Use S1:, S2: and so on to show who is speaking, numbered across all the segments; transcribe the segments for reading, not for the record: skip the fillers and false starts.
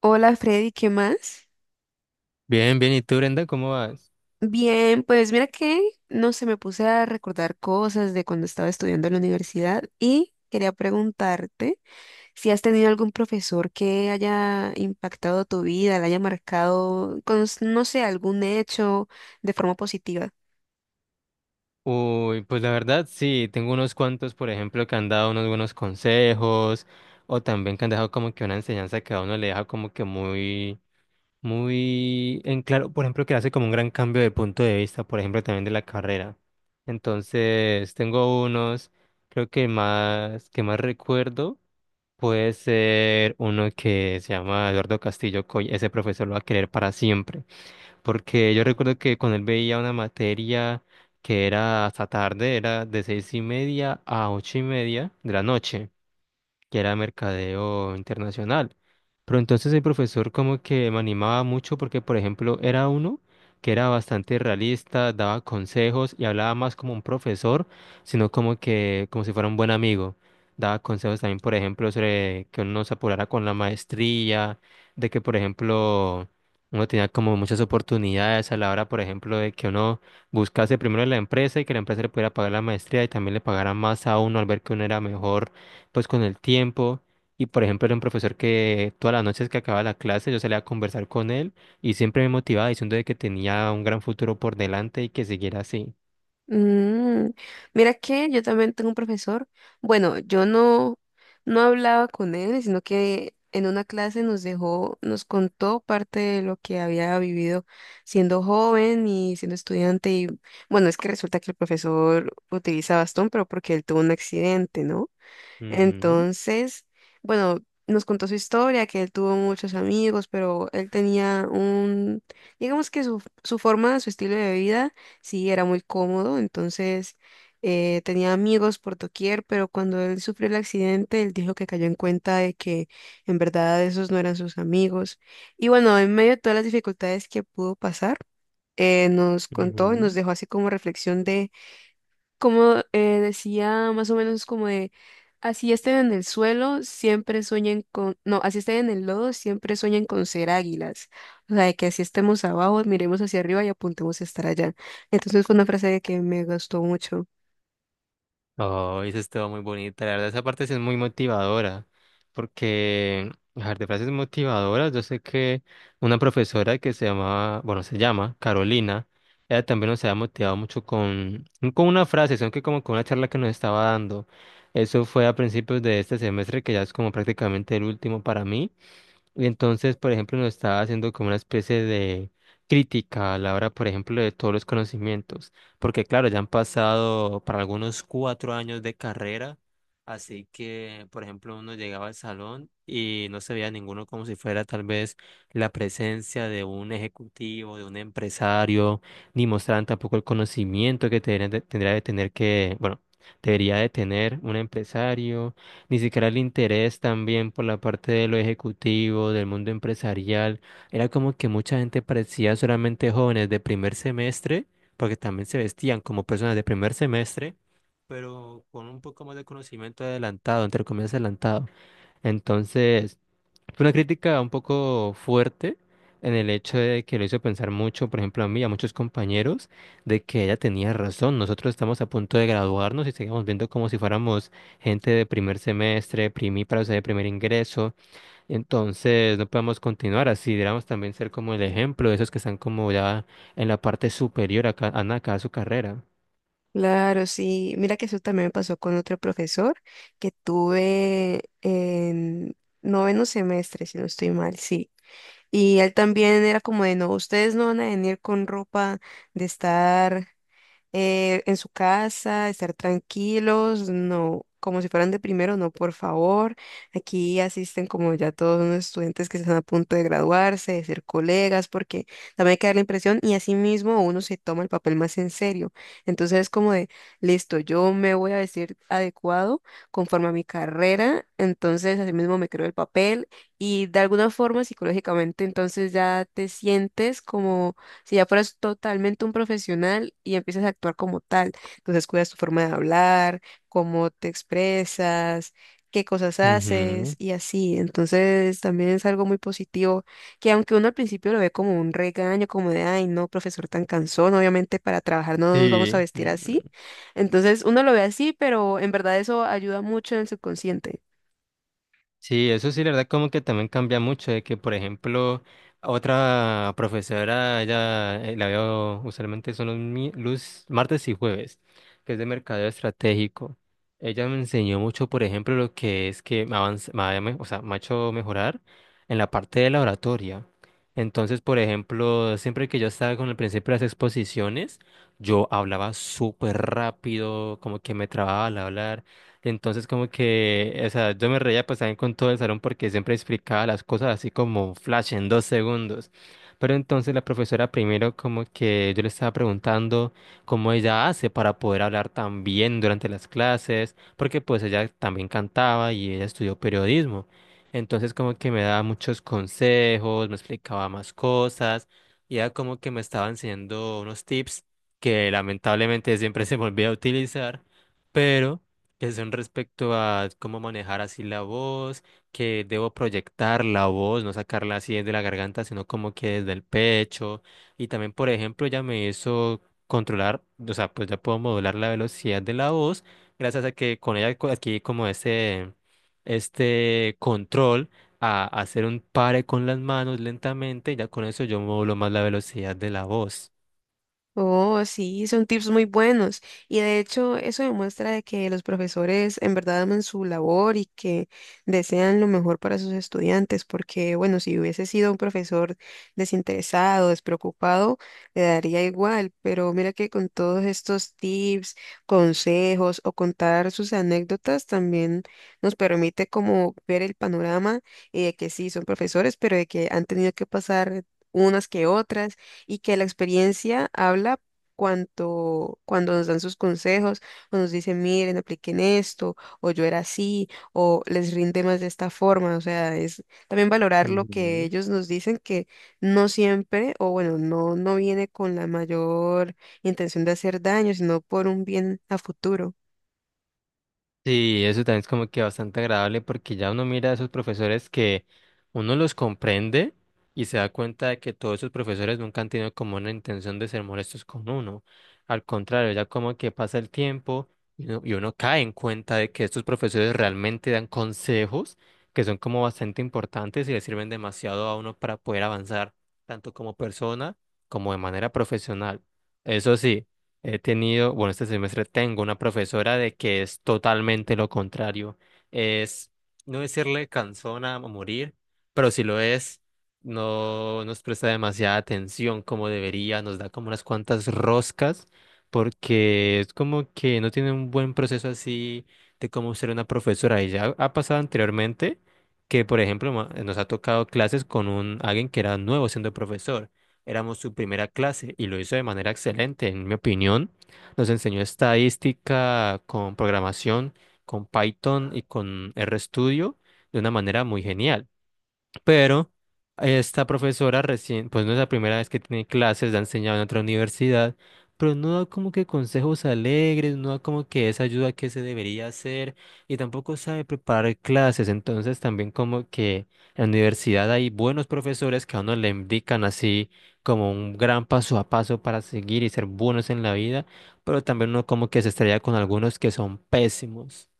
S1: Hola Freddy, ¿qué más?
S2: Bien, bien. ¿Y tú, Brenda, cómo vas?
S1: Bien, pues mira que no sé, me puse a recordar cosas de cuando estaba estudiando en la universidad y quería preguntarte si has tenido algún profesor que haya impactado tu vida, la haya marcado con, no sé, algún hecho de forma positiva.
S2: Uy, pues la verdad, sí, tengo unos cuantos, por ejemplo, que han dado unos buenos consejos o también que han dejado como que una enseñanza que a uno le deja como que muy, muy en claro, por ejemplo, que hace como un gran cambio de punto de vista, por ejemplo, también de la carrera. Entonces, tengo unos, creo que más recuerdo. Puede ser uno que se llama Eduardo Castillo Coy, ese profesor lo va a querer para siempre, porque yo recuerdo que con él veía una materia que era hasta tarde, era de 6:30 a 8:30 de la noche, que era mercadeo internacional. Pero entonces el profesor como que me animaba mucho porque, por ejemplo, era uno que era bastante realista, daba consejos y hablaba más como un profesor, sino como que como si fuera un buen amigo. Daba consejos también, por ejemplo, sobre que uno se apurara con la maestría, de que, por ejemplo, uno tenía como muchas oportunidades a la hora, por ejemplo, de que uno buscase primero la empresa y que la empresa le pudiera pagar la maestría y también le pagara más a uno al ver que uno era mejor pues con el tiempo. Y, por ejemplo, era un profesor que todas las noches que acababa la clase yo salía a conversar con él y siempre me motivaba diciendo de que tenía un gran futuro por delante y que siguiera así.
S1: Mm, mira que yo también tengo un profesor. Bueno, yo no hablaba con él, sino que en una clase nos dejó, nos contó parte de lo que había vivido siendo joven y siendo estudiante. Y bueno, es que resulta que el profesor utiliza bastón, pero porque él tuvo un accidente, ¿no?
S2: Ujú,
S1: Entonces, bueno, nos contó su historia, que él tuvo muchos amigos, pero él tenía un, digamos que su forma, su estilo de vida, sí, era muy cómodo, entonces tenía amigos por doquier, pero cuando él sufrió el accidente, él dijo que cayó en cuenta de que en verdad esos no eran sus amigos. Y bueno, en medio de todas las dificultades que pudo pasar, nos contó y nos
S2: ujú.
S1: dejó así como reflexión como decía, más o menos como de, así estén en el suelo, siempre sueñen con, no, así estén en el lodo, siempre sueñen con ser águilas. O sea, de que así estemos abajo, miremos hacia arriba y apuntemos a estar allá. Entonces fue una frase que me gustó mucho.
S2: Oh, eso estuvo muy bonita. La verdad, esa parte sí es muy motivadora. Porque, a ver, de frases motivadoras, yo sé que una profesora que se llamaba, bueno, se llama Carolina, ella también nos había motivado mucho con, no con una frase, sino que como con una charla que nos estaba dando. Eso fue a principios de este semestre, que ya es como prácticamente el último para mí. Y entonces, por ejemplo, nos estaba haciendo como una especie de crítica a la hora, por ejemplo, de todos los conocimientos, porque claro, ya han pasado para algunos 4 años de carrera, así que, por ejemplo, uno llegaba al salón y no se veía ninguno como si fuera tal vez la presencia de un ejecutivo, de un empresario, ni mostraban tampoco el conocimiento que tendría de tener que, bueno, debería de tener un empresario, ni siquiera el interés también por la parte de lo ejecutivo, del mundo empresarial. Era como que mucha gente parecía solamente jóvenes de primer semestre, porque también se vestían como personas de primer semestre, pero con un poco más de conocimiento adelantado, entre comillas adelantado. Entonces, fue una crítica un poco fuerte en el hecho de que lo hizo pensar mucho, por ejemplo, a mí y a muchos compañeros, de que ella tenía razón. Nosotros estamos a punto de graduarnos y seguimos viendo como si fuéramos gente de primer semestre, primíparos de primer ingreso. Entonces, no podemos continuar así. Deberíamos también ser como el ejemplo de esos que están como ya en la parte superior acá a su carrera.
S1: Claro, sí. Mira que eso también me pasó con otro profesor que tuve en noveno semestre, si no estoy mal, sí. Y él también era como de, no, ustedes no van a venir con ropa de estar en su casa, estar tranquilos, no, como si fueran de primero, no, por favor. Aquí asisten como ya todos unos estudiantes que están a punto de graduarse, de ser colegas, porque también hay que dar la impresión y así mismo uno se toma el papel más en serio. Entonces es como de, listo, yo me voy a vestir adecuado conforme a mi carrera, entonces así mismo me creo el papel y de alguna forma psicológicamente entonces ya te sientes como si ya fueras totalmente un profesional y empiezas a actuar como tal, entonces cuidas tu forma de hablar, cómo te expresas, qué cosas haces
S2: Ujú.
S1: y así. Entonces también es algo muy positivo que aunque uno al principio lo ve como un regaño, como de, ay, no, profesor tan cansón, obviamente para trabajar no nos vamos a
S2: Sí.
S1: vestir así. Entonces uno lo ve así, pero en verdad eso ayuda mucho en el subconsciente.
S2: Sí, eso sí, la verdad, como que también cambia mucho, de que, por ejemplo, otra profesora, ella la veo usualmente son los martes y jueves, que es de mercadeo estratégico. Ella me enseñó mucho, por ejemplo, lo que es que me, avanz- me ha me- o sea, me ha hecho mejorar en la parte de la oratoria. Entonces, por ejemplo, siempre que yo estaba con el principio de las exposiciones, yo hablaba súper rápido, como que me trababa al hablar. Entonces como que, o sea, yo me reía pues también con todo el salón porque siempre explicaba las cosas así como flash en 2 segundos. Pero entonces la profesora primero como que yo le estaba preguntando cómo ella hace para poder hablar tan bien durante las clases, porque pues ella también cantaba y ella estudió periodismo. Entonces como que me daba muchos consejos, me explicaba más cosas y ella como que me estaba enseñando unos tips que lamentablemente siempre se me olvida utilizar, pero que son respecto a cómo manejar así la voz, que debo proyectar la voz, no sacarla así desde la garganta, sino como que desde el pecho. Y también, por ejemplo, ya me hizo controlar, o sea, pues ya puedo modular la velocidad de la voz, gracias a que con ella adquirí como ese, este control a hacer un pare con las manos lentamente, y ya con eso yo modulo más la velocidad de la voz.
S1: Oh, sí, son tips muy buenos. Y de hecho, eso demuestra de que los profesores en verdad aman su labor y que desean lo mejor para sus estudiantes, porque bueno, si hubiese sido un profesor desinteresado, despreocupado, le daría igual, pero mira que con todos estos tips, consejos o contar sus anécdotas también nos permite como ver el panorama y de que sí, son profesores, pero de que han tenido que pasar unas que otras y que la experiencia habla cuanto, cuando nos dan sus consejos, o nos dicen, miren, apliquen esto, o yo era así, o les rinde más de esta forma. O sea, es también valorar lo que
S2: Ujú.
S1: ellos nos dicen, que no siempre, o bueno, no viene con la mayor intención de hacer daño, sino por un bien a futuro.
S2: Sí, eso también es como que bastante agradable porque ya uno mira a esos profesores que uno los comprende y se da cuenta de que todos esos profesores nunca han tenido como una intención de ser molestos con uno. Al contrario, ya como que pasa el tiempo y uno cae en cuenta de que estos profesores realmente dan consejos que son como bastante importantes y le sirven demasiado a uno para poder avanzar, tanto como persona como de manera profesional. Eso sí. He tenido, bueno, este semestre tengo una profesora de que es totalmente lo contrario. Es no decirle cansona a morir, pero si lo es, no nos presta demasiada atención como debería, nos da como unas cuantas roscas, porque es como que no tiene un buen proceso así de cómo ser una profesora. Y ya ha pasado anteriormente que, por ejemplo, nos ha tocado clases con un alguien que era nuevo siendo profesor. Éramos su primera clase y lo hizo de manera excelente, en mi opinión. Nos enseñó estadística con programación, con Python y con RStudio de una manera muy genial. Pero esta profesora recién, pues no es la primera vez que tiene clases, la ha enseñado en otra universidad, pero no da como que consejos alegres, no da como que esa ayuda que se debería hacer y tampoco sabe preparar clases. Entonces también como que en la universidad hay buenos profesores que a uno le indican así como un gran paso a paso para seguir y ser buenos en la vida, pero también uno como que se estrella con algunos que son pésimos.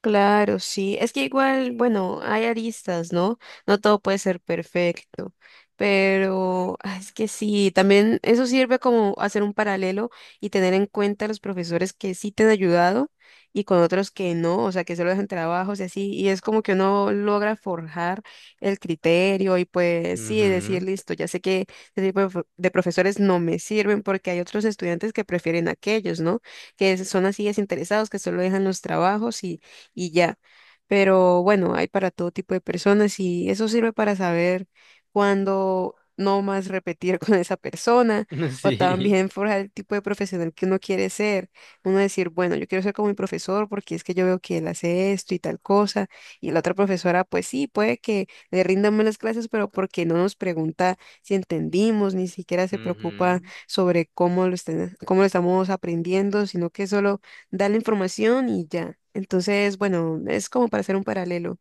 S1: Claro, sí. Es que igual, bueno, hay aristas, ¿no? No todo puede ser perfecto, pero ah, es que sí, también eso sirve como hacer un paralelo y tener en cuenta los profesores que sí te han ayudado y con otros que no, o sea, que solo dejan trabajos y así, y es como que uno logra forjar el criterio y pues sí, decir,
S2: Ujú.
S1: listo, ya sé que este tipo de, pro- de profesores no me sirven porque hay otros estudiantes que prefieren aquellos, ¿no? Que son así desinteresados, que solo dejan los trabajos y ya. Pero bueno, hay para todo tipo de personas y eso sirve para saber cuándo no más repetir con esa persona o
S2: Sí.
S1: también forjar el tipo de profesional que uno quiere ser. Uno decir, bueno, yo quiero ser como mi profesor porque es que yo veo que él hace esto y tal cosa y la otra profesora, pues sí, puede que le rindan mal las clases, pero porque no nos pregunta si entendimos, ni siquiera se preocupa
S2: Ujú.
S1: sobre cómo lo estamos aprendiendo, sino que solo da la información y ya. Entonces, bueno, es como para hacer un paralelo.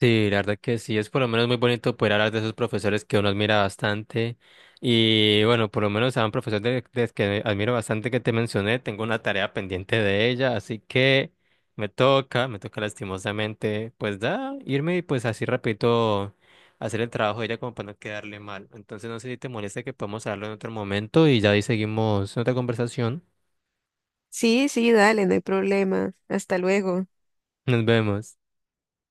S2: Sí, la verdad que sí, es por lo menos muy bonito poder hablar de esos profesores que uno admira bastante. Y bueno, por lo menos a un profesor de que admiro bastante que te mencioné, tengo una tarea pendiente de ella, así que me toca lastimosamente, pues da, irme y pues así repito, hacer el trabajo de ella como para no quedarle mal. Entonces no sé si te molesta que podamos hablarlo en otro momento y ya ahí seguimos otra conversación.
S1: Sí, sí, dale, no hay problema. Hasta luego.
S2: Nos vemos.